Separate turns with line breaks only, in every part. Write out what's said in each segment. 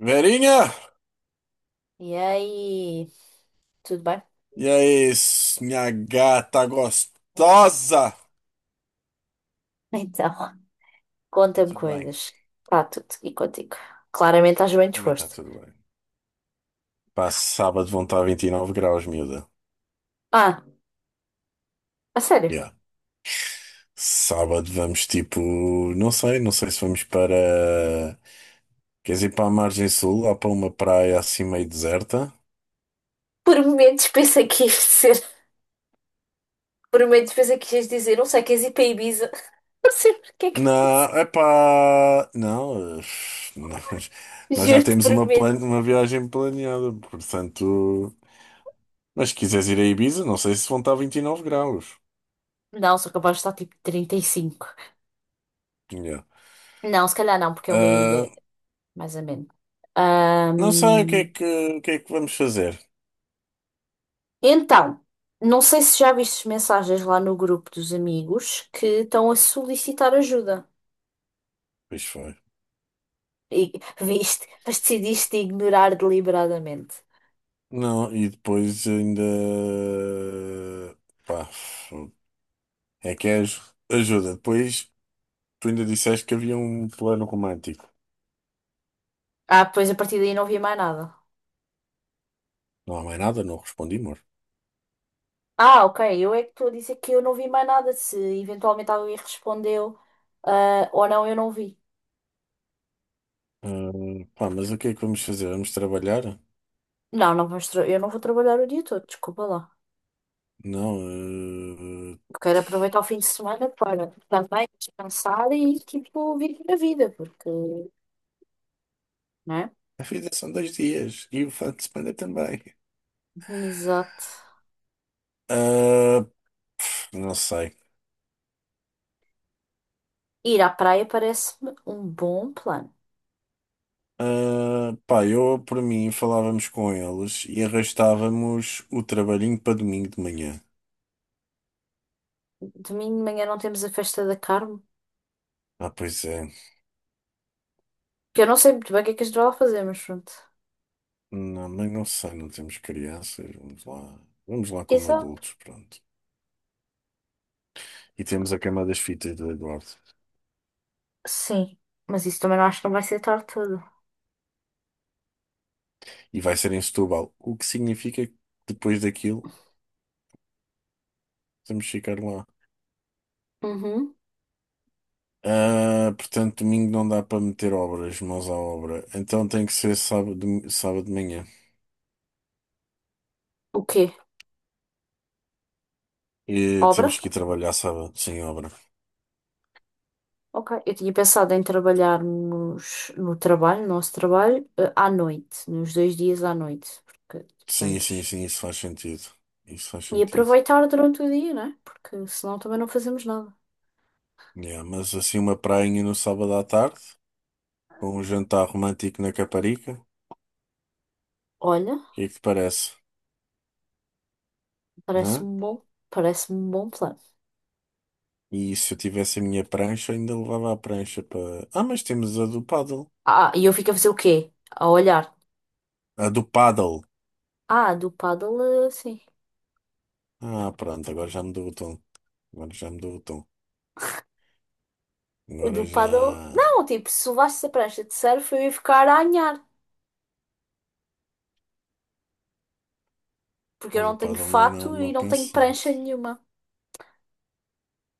Verinha!
E aí, tudo bem?
E aí, minha gata gostosa!
Então,
Tá
conta-me
tudo bem?
coisas. Está tudo e contigo. Claramente estás bem
Também tá
disposto.
tudo bem. Pá, sábado vão estar 29 graus, miúda.
Ah, a sério.
Yeah. Sábado vamos tipo. Não sei, se vamos para. Queres ir para a margem sul, lá para uma praia assim meio deserta?
Por momentos pensei que ias dizer. Por momentos pensei que ias dizer. Não sei, queres ir para Ibiza? Não sei porque é que eu
Não,
disse.
é pá. Não, nós, nós já
Juro-te,
temos
por
uma,
momentos.
uma viagem planeada, portanto. Mas se quiseres ir a Ibiza, não sei se vão estar 29 graus.
Não, sou capaz de estar tipo 35.
Yeah.
Não, se calhar não, porque é uma
Ah,
ilha, mais ou menos.
não sei o que é
Ahm,
que, vamos fazer.
Então, não sei se já vistes mensagens lá no grupo dos amigos que estão a solicitar ajuda.
Pois foi.
E viste, mas decidiste ignorar deliberadamente.
Não, e depois ainda. Pá, é que ajuda. Depois tu ainda disseste que havia um plano romântico.
Ah, pois a partir daí não vi mais nada.
Não há mais nada, não respondi, amor.
Ah, ok, eu é que estou a dizer que eu não vi mais nada. Se eventualmente alguém respondeu, ah, ou não, eu não vi.
Ah, pá, mas o que é que vamos fazer? Vamos trabalhar?
Não, eu não vou trabalhar o dia todo, desculpa lá.
Não. ah,
Eu Quero aproveitar o fim de semana para também descansar e, tipo, viver a vida, porque, né?
a vida são dois dias e o fim de semana também.
Exato.
Ah, não sei.
Ir à praia parece-me um bom plano.
Ah, pá, eu por mim falávamos com eles e arrastávamos o trabalhinho para domingo de manhã.
Domingo de manhã não temos a festa da Carmo,
Ah, pois é.
que eu não sei muito bem o que é que a gente vai lá fazer, mas pronto.
Não, mas não sei, não temos crianças. Vamos lá. Vamos lá como
Exato.
adultos, pronto. E temos a cama das fitas do Eduardo.
Sim. Mas isso também não acho que não vai ser tarde tudo.
E vai ser em Setúbal, o que significa que depois daquilo temos que ficar lá.
Uhum.
Ah, portanto, domingo não dá para meter obras, mãos à obra. Então tem que ser sábado, sábado de manhã.
O quê?
E temos
Obra?
que ir trabalhar sábado sem obra.
Ok. Eu tinha pensado em trabalhar nos, no trabalho, no nosso trabalho, eh, à noite, nos dois dias à noite. Porque
Sim, sim,
estamos.
sim, isso faz sentido. Isso faz
E
sentido.
aproveitar durante o dia, né? Porque senão também não fazemos nada.
Yeah, mas assim, uma prainha no sábado à tarde, com um jantar romântico na Caparica, o
Olha,
que é que te parece? Hã?
parece-me bom, parece-me um bom plano.
E se eu tivesse a minha prancha, ainda levava a prancha para. Ah, mas temos a do paddle.
Ah, e eu fico a fazer o quê? A olhar.
A do paddle.
Ah, do paddle, eh, sim.
Ah, pronto, agora já mudou o tom. Agora já mudou o tom.
O do
Agora
paddle.
já.
Não, tipo, se levasse a prancha de surf, eu ia ficar a anhar. Porque
A
eu
do
não tenho
paddle não é nada
fato e
mal
não tenho
pensando.
prancha nenhuma.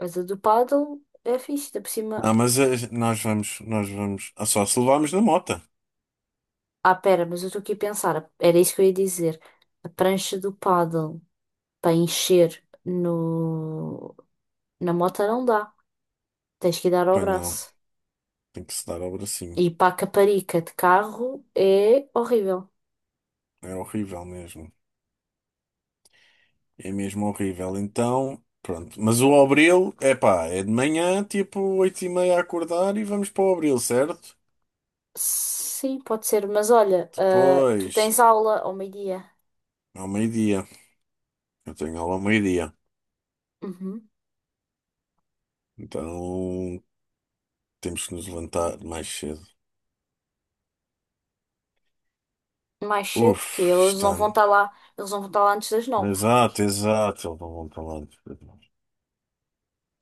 Mas a do paddle é fixe, ainda por cima.
Ah, mas nós vamos. Nós vamos. Ah, só se levarmos na mota.
Ah, pera, mas eu estou aqui a pensar. Era isso que eu ia dizer. A prancha do paddle para encher no na moto não dá. Tens que dar ao
Pois não,
braço.
tem que se dar ao bracinho.
E para a caparica de carro é horrível.
É horrível mesmo. É mesmo horrível. Então, pronto. Mas o Abril, é pá, é de manhã, tipo 8h30 a acordar e vamos para o Abril, certo?
Sim, pode ser. Mas olha, ah, tu
Depois,
tens aula ao meio-dia.
ao meio-dia. Eu tenho aula ao meio-dia.
Uhum.
Então, temos que nos levantar mais cedo.
Mais cedo que
Uf,
eles
está.
não vão estar lá. Eles não vão estar lá antes das nove.
Exato, exato. Eles não vão para lá.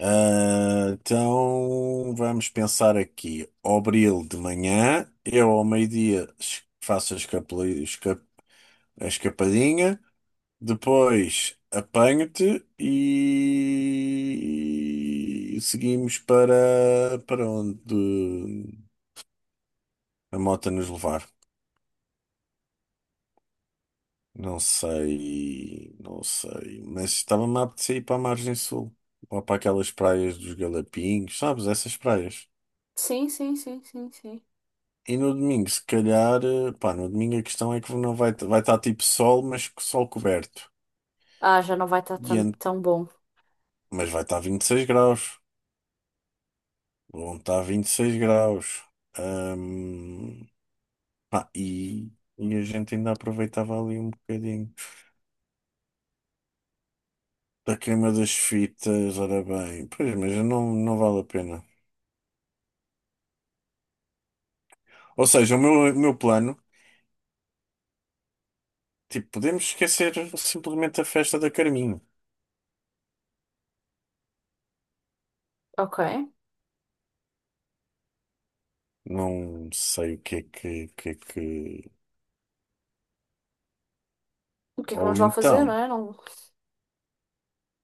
Ah, então, vamos pensar aqui. Abril de manhã, eu ao meio-dia faço as a escapadinha, depois apanho-te e seguimos para, para onde a moto nos levar. Não sei, mas estava-me a apetecer ir para a margem sul, ou para aquelas praias dos Galapinhos, sabes, essas praias.
Sim, sim, sim, sim, sim.
E no domingo, se calhar, pá, no domingo a questão é que não vai, vai estar tipo sol, mas sol coberto.
Ah, já não vai estar
E,
tão, tão bom.
mas vai estar 26 graus. Vão estar 26 graus. Ahm, pá, e a gente ainda aproveitava ali um bocadinho da queima das fitas, ora bem. Pois, mas não, não vale a pena. Ou seja, o meu plano, tipo, podemos esquecer simplesmente a festa da Carminho.
Ok.
Não sei o que é que, o que é que...
O que é que vamos
Ou
lá fazer, não
então...
é? Não.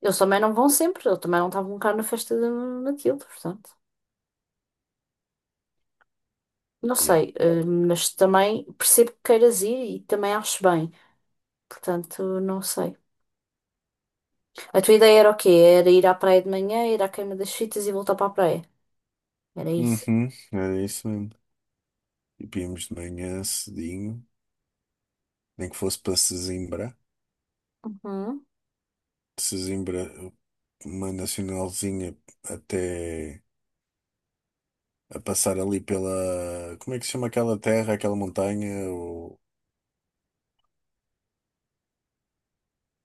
Eles também não vão sempre. Eu também não estava um bocado na festa daquilo, portanto. Não
Yeah.
sei, eh, mas também percebo que queiras ir e também acho bem. Portanto, não sei. A tua ideia era o quê? Era ir à praia de manhã, ir à queima das fitas e voltar para a praia. Era isso.
Uhum, era isso mesmo. E vimos de manhã cedinho, nem que fosse para Sesimbra.
Uhum.
De Sesimbra, uma nacionalzinha até a passar ali pela. Como é que se chama aquela terra, aquela montanha? O...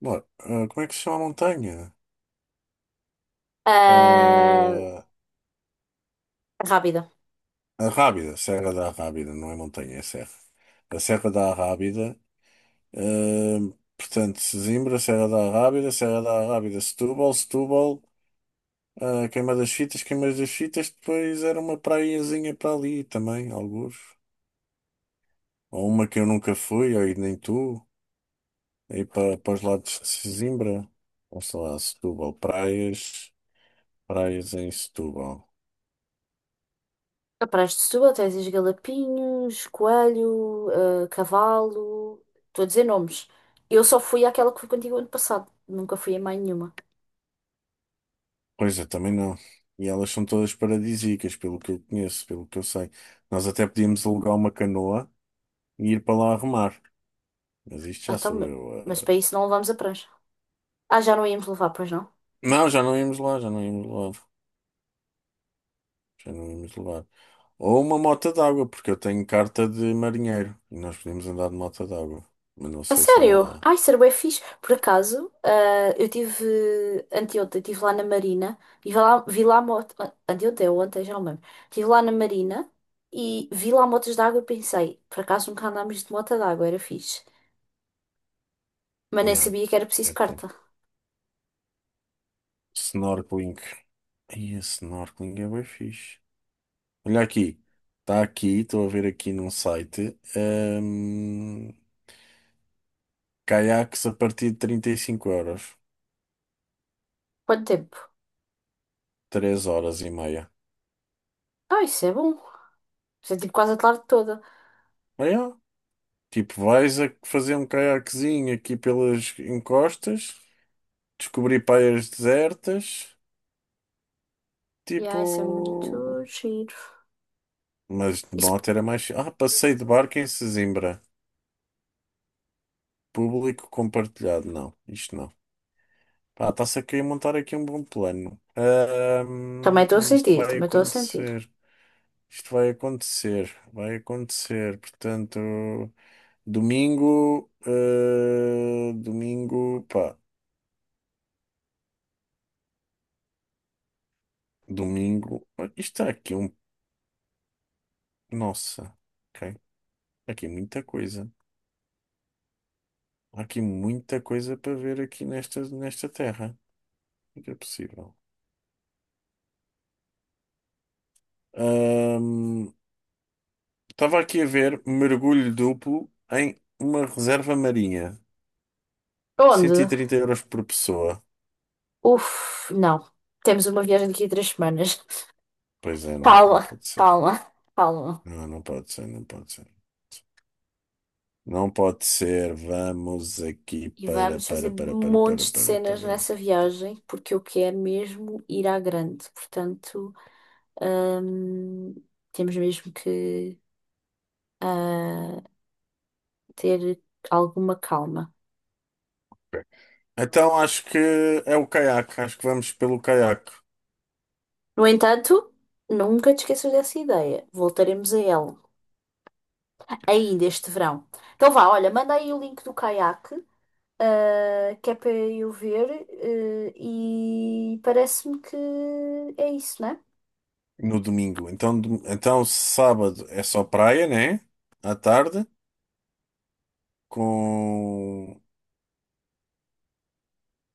Bom, como é que se chama a montanha?
Ah, rápida.
Ah, a Rábida, Serra da Rábida, não é montanha, é serra. A Serra da Rábida. Portanto, Sesimbra, Serra da Rábida, Setúbal, Setúbal. Queima das Fitas, depois era uma praiazinha para ali também, alguns. Ou uma que eu nunca fui, ou e nem tu, aí para, os lados de Sesimbra, ou sei lá, Setúbal, praias, praias em Setúbal.
A Praia de Setúbal tens os Galapinhos, Coelho, eh, Cavalo. Estou a dizer nomes. Eu só fui àquela que fui contigo ano passado. Nunca fui a mais nenhuma.
Pois é, também não. E elas são todas paradisíacas, pelo que eu conheço, pelo que eu sei. Nós até podíamos alugar uma canoa e ir para lá remar. Mas isto
Ah,
já
então,
sou
mas
eu.
mas para
Eh.
isso não levámos a prancha. Ah, já não íamos levar, pois não?
Não, já não íamos lá, lá. Já não íamos levar. Ou uma moto d'água, porque eu tenho carta de marinheiro e nós podemos andar de moto d'água. Mas não
A
sei se há
sério?
lá.
Ai, ser bué fixe. Por acaso, eh, eu tive anteontem, estive lá na Marina e vi lá moto. Ah, anteontem ou ontem, já não me lembro. Estive lá na Marina e vi lá motos de água e pensei, por acaso nunca andámos de moto de água, era fixe. Mas nem
Yeah,
sabia que era preciso
eu tenho.
carta.
Snorkeling. Ai, a snorkeling é bem fixe. Olha aqui. Está aqui, estou a ver aqui num site. Caiaques a partir de 35 euros.
Quanto tempo?
3 horas e meia.
Ah, isso é bom. Isso é tipo quase a tarde toda.
Olha, tipo, vais a fazer um caiaquezinho aqui pelas encostas, descobrir praias desertas.
E
Tipo.
ah, isso é muito giro.
Mas de
Isso
moto era mais. Ah, passeio de barco em Sesimbra. Público compartilhado. Não, isto não. Pá, está-se a querer montar aqui um bom plano.
também estou a
E isto
sentir,
vai
também estou a sentir.
acontecer. Isto vai acontecer. Vai acontecer. Portanto, domingo. Domingo. Pá, domingo. Isto está aqui um. Nossa. Ok. Aqui muita coisa. Há aqui muita coisa para ver aqui nesta, nesta terra. O que é possível? Ahm, estava aqui a ver mergulho duplo em uma reserva marinha. Cento e
Onde?
trinta euros por pessoa.
Uf, não. Temos uma viagem daqui a 3 semanas.
Pois é, não, não
Calma,
pode ser.
calma, calma.
Não, não pode ser, não pode ser. Não pode ser. Vamos aqui
E
para,
vamos fazer
para, para, para, para,
montes de
para,
cenas
para.
nessa viagem, porque eu quero mesmo ir à grande. Portanto, hum, temos mesmo que ah, ter alguma calma.
Então acho que é o caiaque. Acho que vamos pelo caiaque
No entanto, nunca te esqueças dessa ideia. Voltaremos a ela ainda este verão. Então vá, olha, manda aí o link do caiaque, ah, que é para eu ver, eh, e parece-me que é isso, né?
no domingo. Então, então sábado é só praia, né? À tarde, com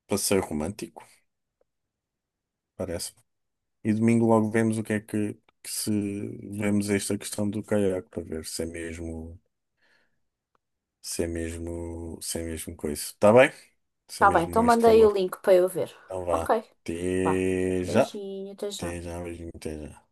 passeio romântico. Parece. E domingo logo vemos o que é que se vemos esta questão do caiaque para ver se é mesmo, se é mesmo coisa. Está bem? Se é
Tá bem, então
mesmo este
manda aí o
valor.
link para eu ver.
Então vá.
Ok, vá.
Até já.
Beijinho, até já.
Até já, beijinho, até já.